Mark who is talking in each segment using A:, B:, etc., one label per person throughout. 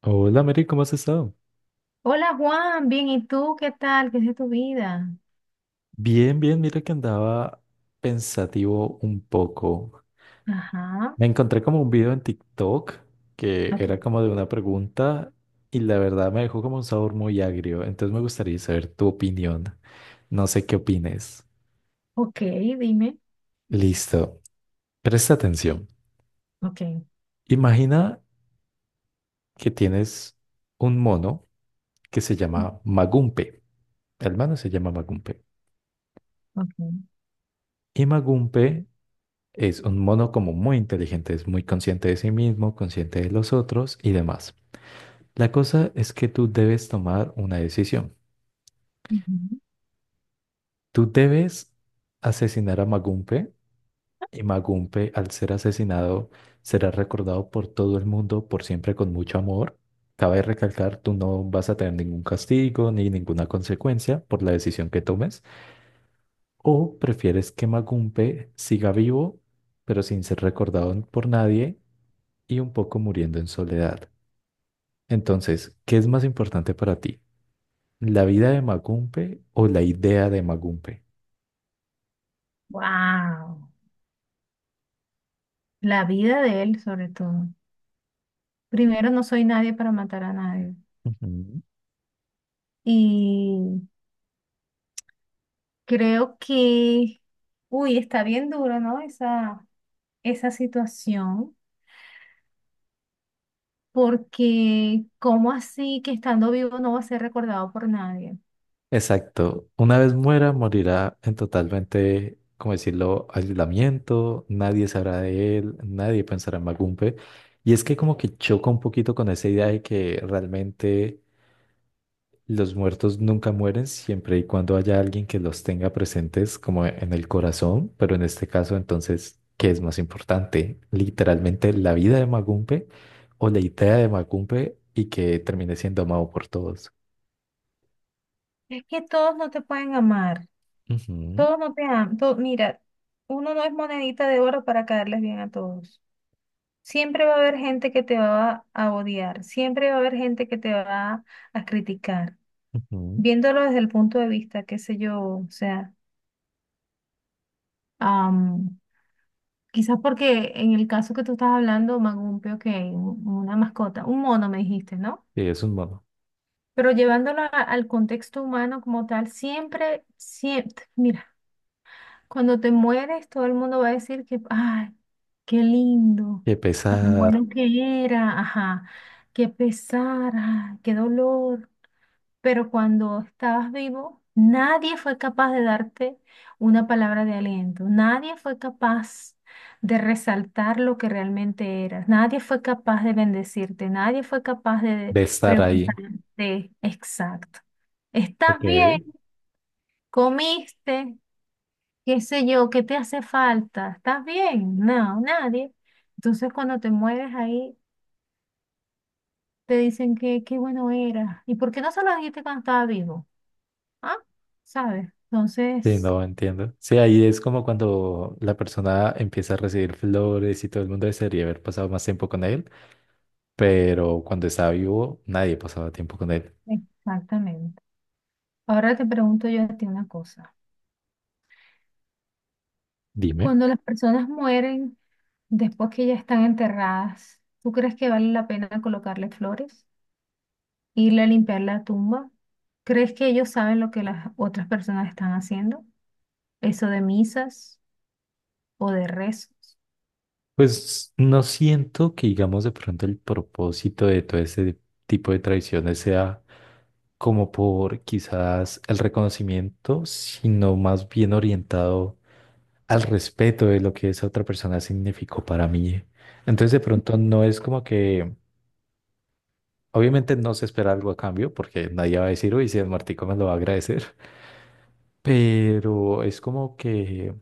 A: Hola, Mary, ¿cómo has estado?
B: Hola Juan, bien, ¿y tú qué tal? ¿Qué es de tu vida?
A: Bien, bien, mira que andaba pensativo un poco.
B: Ajá,
A: Me encontré como un video en TikTok que
B: ok,
A: era como de una pregunta y la verdad me dejó como un sabor muy agrio, entonces me gustaría saber tu opinión. No sé qué opines.
B: ok, dime,
A: Listo, presta atención.
B: ok,
A: Imagina que tienes un mono que se llama Magumpe. El mono se llama Magumpe.
B: ok.
A: Y Magumpe es un mono como muy inteligente, es muy consciente de sí mismo, consciente de los otros y demás. La cosa es que tú debes tomar una decisión. Tú debes asesinar a Magumpe y Magumpe al ser asesinado será recordado por todo el mundo por siempre con mucho amor. Cabe recalcar, tú no vas a tener ningún castigo ni ninguna consecuencia por la decisión que tomes. O prefieres que Magumpe siga vivo, pero sin ser recordado por nadie y un poco muriendo en soledad. Entonces, ¿qué es más importante para ti? ¿La vida de Magumpe o la idea de Magumpe?
B: Wow, la vida de él sobre todo. Primero, no soy nadie para matar a nadie.
A: Ujú.
B: Y creo que, uy, está bien duro, ¿no? Esa situación, porque ¿cómo así que estando vivo no va a ser recordado por nadie?
A: Exacto. Una vez muera, morirá en totalmente, como decirlo, aislamiento, nadie sabrá de él, nadie pensará en Magumpe. Y es que como que choca un poquito con esa idea de que realmente los muertos nunca mueren siempre y cuando haya alguien que los tenga presentes como en el corazón, pero en este caso entonces, ¿qué es más importante? ¿Literalmente la vida de Magumpe o la idea de Magumpe y que termine siendo amado por todos?
B: Es que todos no te pueden amar.
A: Ujú,
B: Todos no te aman. Mira, uno no es monedita de oro para caerles bien a todos. Siempre va a haber gente que te va a odiar. Siempre va a haber gente que te va a criticar.
A: ujú.
B: Viéndolo desde el punto de vista, qué sé yo, o sea, am, quizás porque en el caso que tú estás hablando, Magumpio, que una mascota, un mono me dijiste, ¿no?
A: Sí, es un modo.
B: Pero llevándolo al contexto humano como tal, siempre, siempre, mira. Cuando te mueres, todo el mundo va a decir que, ay, qué lindo,
A: Qué
B: tan
A: pesar
B: bueno que era, ajá, qué pesar, ay, qué dolor. Pero cuando estabas vivo, nadie fue capaz de darte una palabra de aliento, nadie fue capaz de resaltar lo que realmente eras, nadie fue capaz de bendecirte, nadie fue capaz de
A: de estar ahí.
B: preguntarte, exacto, ¿estás
A: Ok.
B: bien? ¿Comiste? Qué sé yo, qué te hace falta, ¿estás bien? No, nadie. Entonces cuando te mueres ahí, te dicen que qué bueno era. ¿Y por qué no se lo dijiste cuando estaba vivo? ¿Ah? ¿Sabes?
A: Sí,
B: Entonces,
A: no entiendo. Sí, ahí es como cuando la persona empieza a recibir flores y todo el mundo desearía haber pasado más tiempo con él, pero cuando estaba vivo nadie pasaba tiempo con él.
B: exactamente. Ahora te pregunto yo a ti una cosa.
A: Dime.
B: Cuando las personas mueren después que ya están enterradas, ¿tú crees que vale la pena colocarle flores? ¿Irle a limpiar la tumba? ¿Crees que ellos saben lo que las otras personas están haciendo? ¿Eso de misas? O de rezos.
A: Pues no siento que, digamos, de pronto el propósito de todo este tipo de tradiciones sea como por quizás el reconocimiento, sino más bien orientado al respeto de lo que esa otra persona significó para mí. Entonces, de pronto no es como que, obviamente no se espera algo a cambio, porque nadie va a decir, uy, si el martico me lo va a agradecer, pero es como que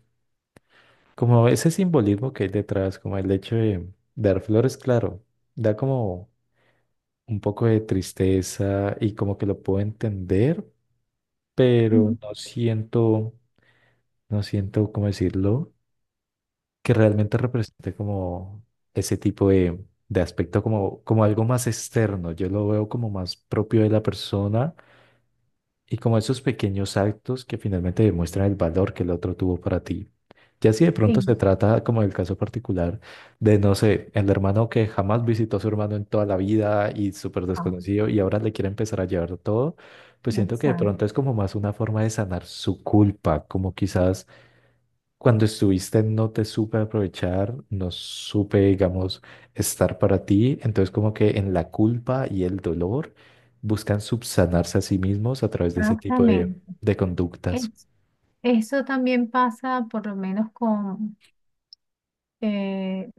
A: como ese simbolismo que hay detrás, como el hecho de dar flores, claro, da como un poco de tristeza y como que lo puedo entender,
B: Ujú.
A: pero no siento, no siento, ¿cómo decirlo? Que realmente represente como ese tipo de aspecto, como, como algo más externo. Yo lo veo como más propio de la persona y como esos pequeños actos que finalmente demuestran el valor que el otro tuvo para ti. Ya si de pronto
B: Sí,
A: se trata, como el caso particular, de, no sé, el hermano que jamás visitó a su hermano en toda la vida y súper
B: ah,
A: desconocido y ahora le quiere empezar a llevar todo, pues siento que de
B: exacto,
A: pronto es como más una forma de sanar su culpa, como quizás cuando estuviste no te supe aprovechar, no supe, digamos, estar para ti. Entonces como que en la culpa y el dolor buscan subsanarse a sí mismos a través de ese tipo de,
B: exactamente.
A: de conductas.
B: Es- Eso también pasa por lo menos con, eh,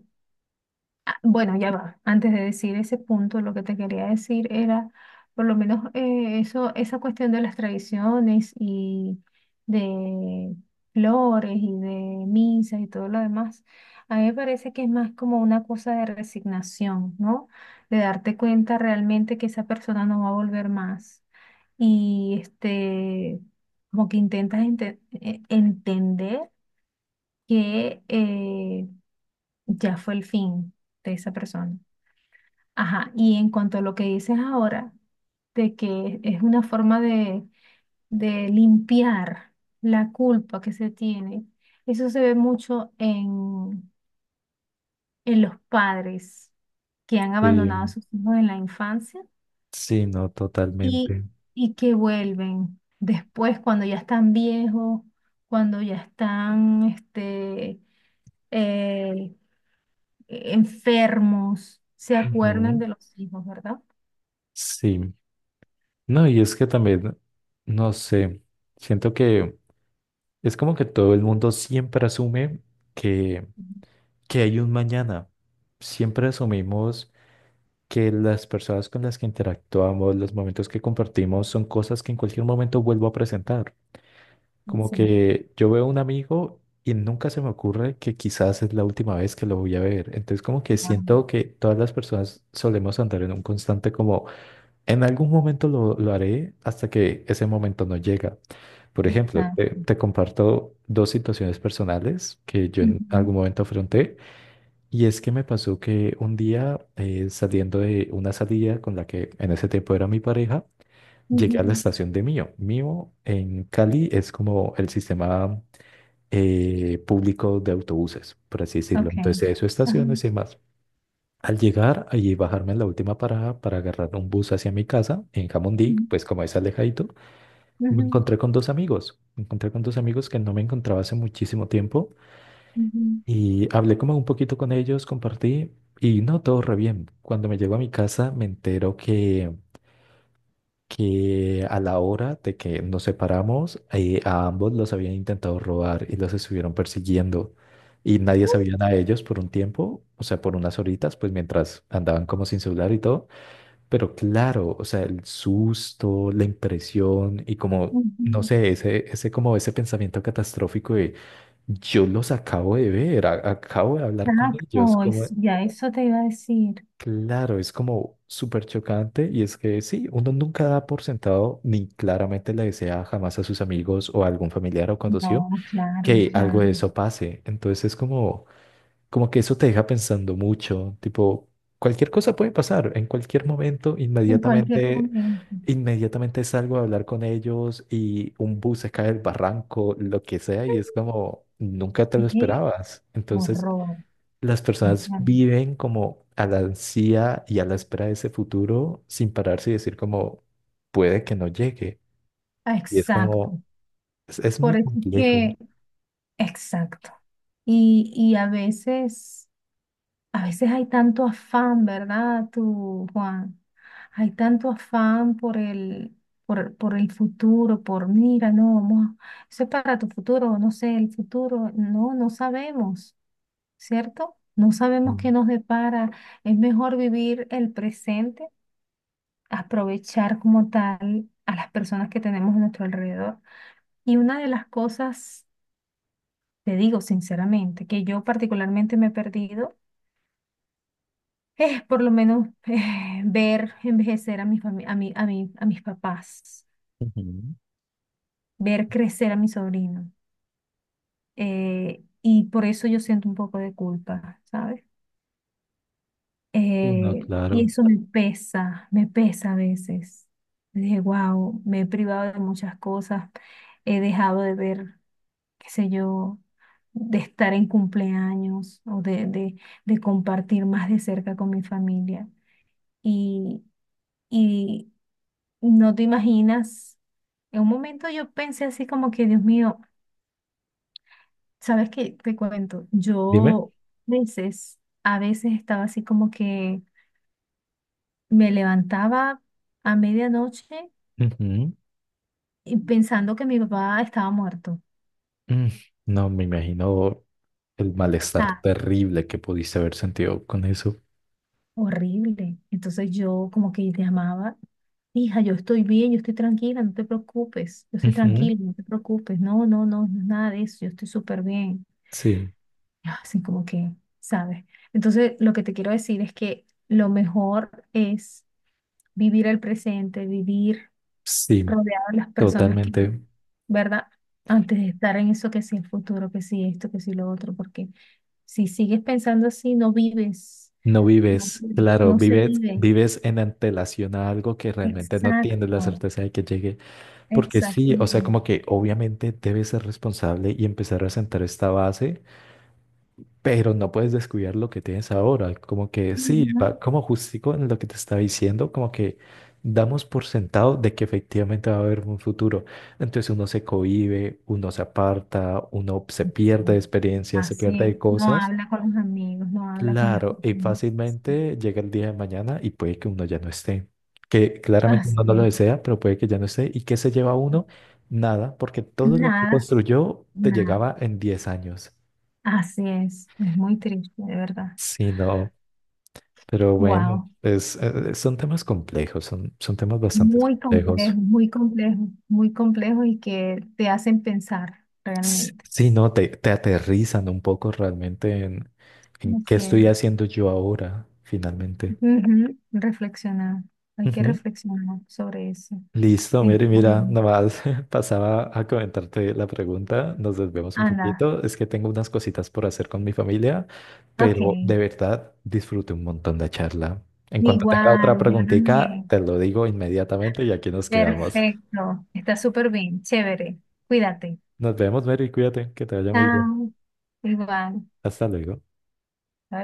B: ah, bueno, ya va. Antes de decir ese punto, lo que te quería decir era, por lo menos eso, esa cuestión de las tradiciones y de flores y de misas y todo lo demás, a mí me parece que es más como una cosa de resignación, ¿no? De darte cuenta realmente que esa persona no va a volver más. Y este, como que intentas entender que ya fue el fin de esa persona. Ajá, y en cuanto a lo que dices ahora, de que es una forma de limpiar la culpa que se tiene, eso se ve mucho en los padres que han
A: Sí,
B: abandonado a sus hijos en la infancia
A: sí, no,
B: y,
A: totalmente.
B: y que vuelven después cuando ya están viejos, cuando ya están este, eh, enfermos, se acuerdan
A: Ujú.
B: de los hijos, ¿verdad?
A: Sí. No, y es que también, no sé, siento que es como que todo el mundo siempre asume que,
B: Ujú.
A: que hay un mañana. Siempre asumimos que las personas con las que interactuamos, los momentos que compartimos, son cosas que en cualquier momento vuelvo a presentar. Como
B: O
A: que yo veo a un amigo y nunca se me ocurre que quizás es la última vez que lo voy a ver. Entonces como que siento que todas las personas solemos andar en un constante como, en algún momento lo haré hasta que ese momento no llega. Por ejemplo, te,
B: exacto.
A: te comparto dos situaciones personales que yo en
B: Ujú,
A: algún momento afronté. Y es que me pasó que un día, saliendo de una salida con la que en ese tiempo era mi pareja, llegué a la
B: ujú.
A: estación de Mio. Mio en Cali es como el sistema público de autobuses, por así decirlo.
B: Ok.
A: Entonces hay sus
B: Ajá,
A: estaciones y demás. Al llegar y bajarme en la última parada para agarrar un bus hacia mi casa en Jamundí,
B: ujú,
A: pues como es alejadito, me
B: ujú,
A: encontré con dos amigos. Me encontré con dos amigos que no me encontraba hace muchísimo tiempo
B: ujú,
A: y hablé como un poquito con ellos, compartí y no, todo re bien. Cuando me llego a mi casa me entero que a la hora de que nos separamos, a ambos los habían intentado robar y los estuvieron persiguiendo y nadie sabía nada de ellos por un tiempo, o sea, por unas horitas, pues mientras andaban como sin celular y todo. Pero claro, o sea, el susto, la impresión y como, no
B: ujú.
A: sé, ese como ese pensamiento catastrófico de yo los acabo de ver, acabo de hablar con ellos,
B: Exacto,
A: como,
B: ya eso te iba a decir.
A: claro, es como súper chocante y es que sí, uno nunca da por sentado ni claramente le desea jamás a sus amigos o a algún familiar o conocido
B: No, claro,
A: que algo
B: claro.
A: de eso pase. Entonces es como como que eso te deja pensando mucho, tipo, cualquier cosa puede pasar en cualquier momento,
B: En cualquier
A: inmediatamente,
B: momento.
A: inmediatamente salgo a hablar con ellos y un bus se cae del barranco, lo que sea, y es como, nunca te lo
B: Qué
A: esperabas. Entonces,
B: horror.
A: las
B: O
A: personas
B: sea,
A: viven como a la ansia y a la espera de ese futuro sin pararse y decir como, puede que no llegue. Y es
B: exacto.
A: como, es
B: Por
A: muy
B: eso es
A: complejo.
B: que, exacto. Y a veces a veces hay tanto afán, ¿verdad, tú, Juan? Hay tanto afán por el futuro, por mira, no, vamos, eso es para tu futuro, no sé, el futuro, no, no sabemos, ¿cierto? No sabemos
A: Mm.
B: qué nos depara. Es mejor vivir el presente, aprovechar como tal a las personas que tenemos a nuestro alrededor. Y una de las cosas, te digo sinceramente, que yo particularmente me he perdido por lo menos ver envejecer a mi a mi, a mis papás,
A: Ujú.
B: ver crecer a mi sobrino. Eh, y por eso yo siento un poco de culpa, ¿sabes?
A: No,
B: Y
A: claro.
B: eso me pesa a veces. Dije, wow, me he privado de muchas cosas, he dejado de ver, qué sé yo, de estar en cumpleaños o de compartir más de cerca con mi familia. Y, y no te imaginas. En un momento yo pensé así como que, Dios mío, ¿sabes qué? Te cuento.
A: Dime.
B: Yo a veces estaba así como que me levantaba a medianoche
A: Ujú.
B: y pensando que mi papá estaba muerto.
A: Mm, No, me imagino el malestar
B: Ah,
A: terrible que pudiste haber sentido con eso.
B: horrible. Entonces yo como que llamaba, hija, yo estoy bien, yo estoy tranquila, no te preocupes, yo estoy
A: Ujú,
B: tranquila, no te preocupes. No, no, no, no es nada de eso, yo estoy súper bien.
A: sí,
B: Así como que, ¿sabes? Entonces, lo que te quiero decir es que lo mejor es vivir el presente, vivir
A: sí,
B: rodeado de las personas que,
A: totalmente.
B: ¿verdad? Antes de estar en eso que sí el futuro, que sí esto, que sí lo otro, porque si sigues pensando así, no vives,
A: No
B: no,
A: vives,
B: vives,
A: claro,
B: no se
A: vives,
B: vive.
A: vives en antelación a algo que realmente no tienes la
B: Exacto,
A: certeza de que llegue, porque sí, o sea,
B: exactamente.
A: como que obviamente debes ser responsable y empezar a sentar esta base. Pero no puedes descuidar lo que tienes ahora. Como que sí,
B: Ujú,
A: va como justico en lo que te estaba diciendo, como que damos por sentado de que efectivamente va a haber un futuro. Entonces uno se cohíbe, uno se aparta, uno se pierde de
B: exacto.
A: experiencias, se
B: Así
A: pierde
B: es,
A: de
B: no
A: cosas.
B: habla con los amigos, no habla con las
A: Claro, y
B: personas.
A: fácilmente llega el día de mañana y puede que uno ya no esté. Que claramente
B: Así
A: uno no lo
B: es.
A: desea, pero puede que ya no esté. ¿Y qué se lleva uno? Nada, porque todo lo que
B: Nada.
A: construyó te
B: Nada.
A: llegaba en 10 años.
B: Así es muy triste, de verdad.
A: Sí, no. Pero bueno,
B: Wow,
A: son temas complejos, son temas bastante
B: muy
A: complejos.
B: complejo, muy complejo, muy complejo y que te hacen pensar realmente.
A: Sí, no, te aterrizan un poco realmente en qué
B: Así
A: estoy
B: es.
A: haciendo yo ahora, finalmente.
B: Ujú, reflexionar, hay que
A: Ujú.
B: reflexionar sobre eso,
A: Listo, Mary, mira,
B: sinceramente.
A: nada más pasaba a comentarte la pregunta, nos desvemos un
B: Ana,
A: poquito, es que tengo unas cositas por hacer con mi familia,
B: ok,
A: pero de verdad disfruté un montón la charla. En cuanto tenga otra
B: igual, yo
A: preguntita,
B: también.
A: te lo digo inmediatamente y aquí nos quedamos.
B: Perfecto, está súper bien, chévere, cuídate.
A: Nos vemos, Mary, cuídate, que te vaya muy bien.
B: Chao, igual.
A: Hasta luego.
B: Bye.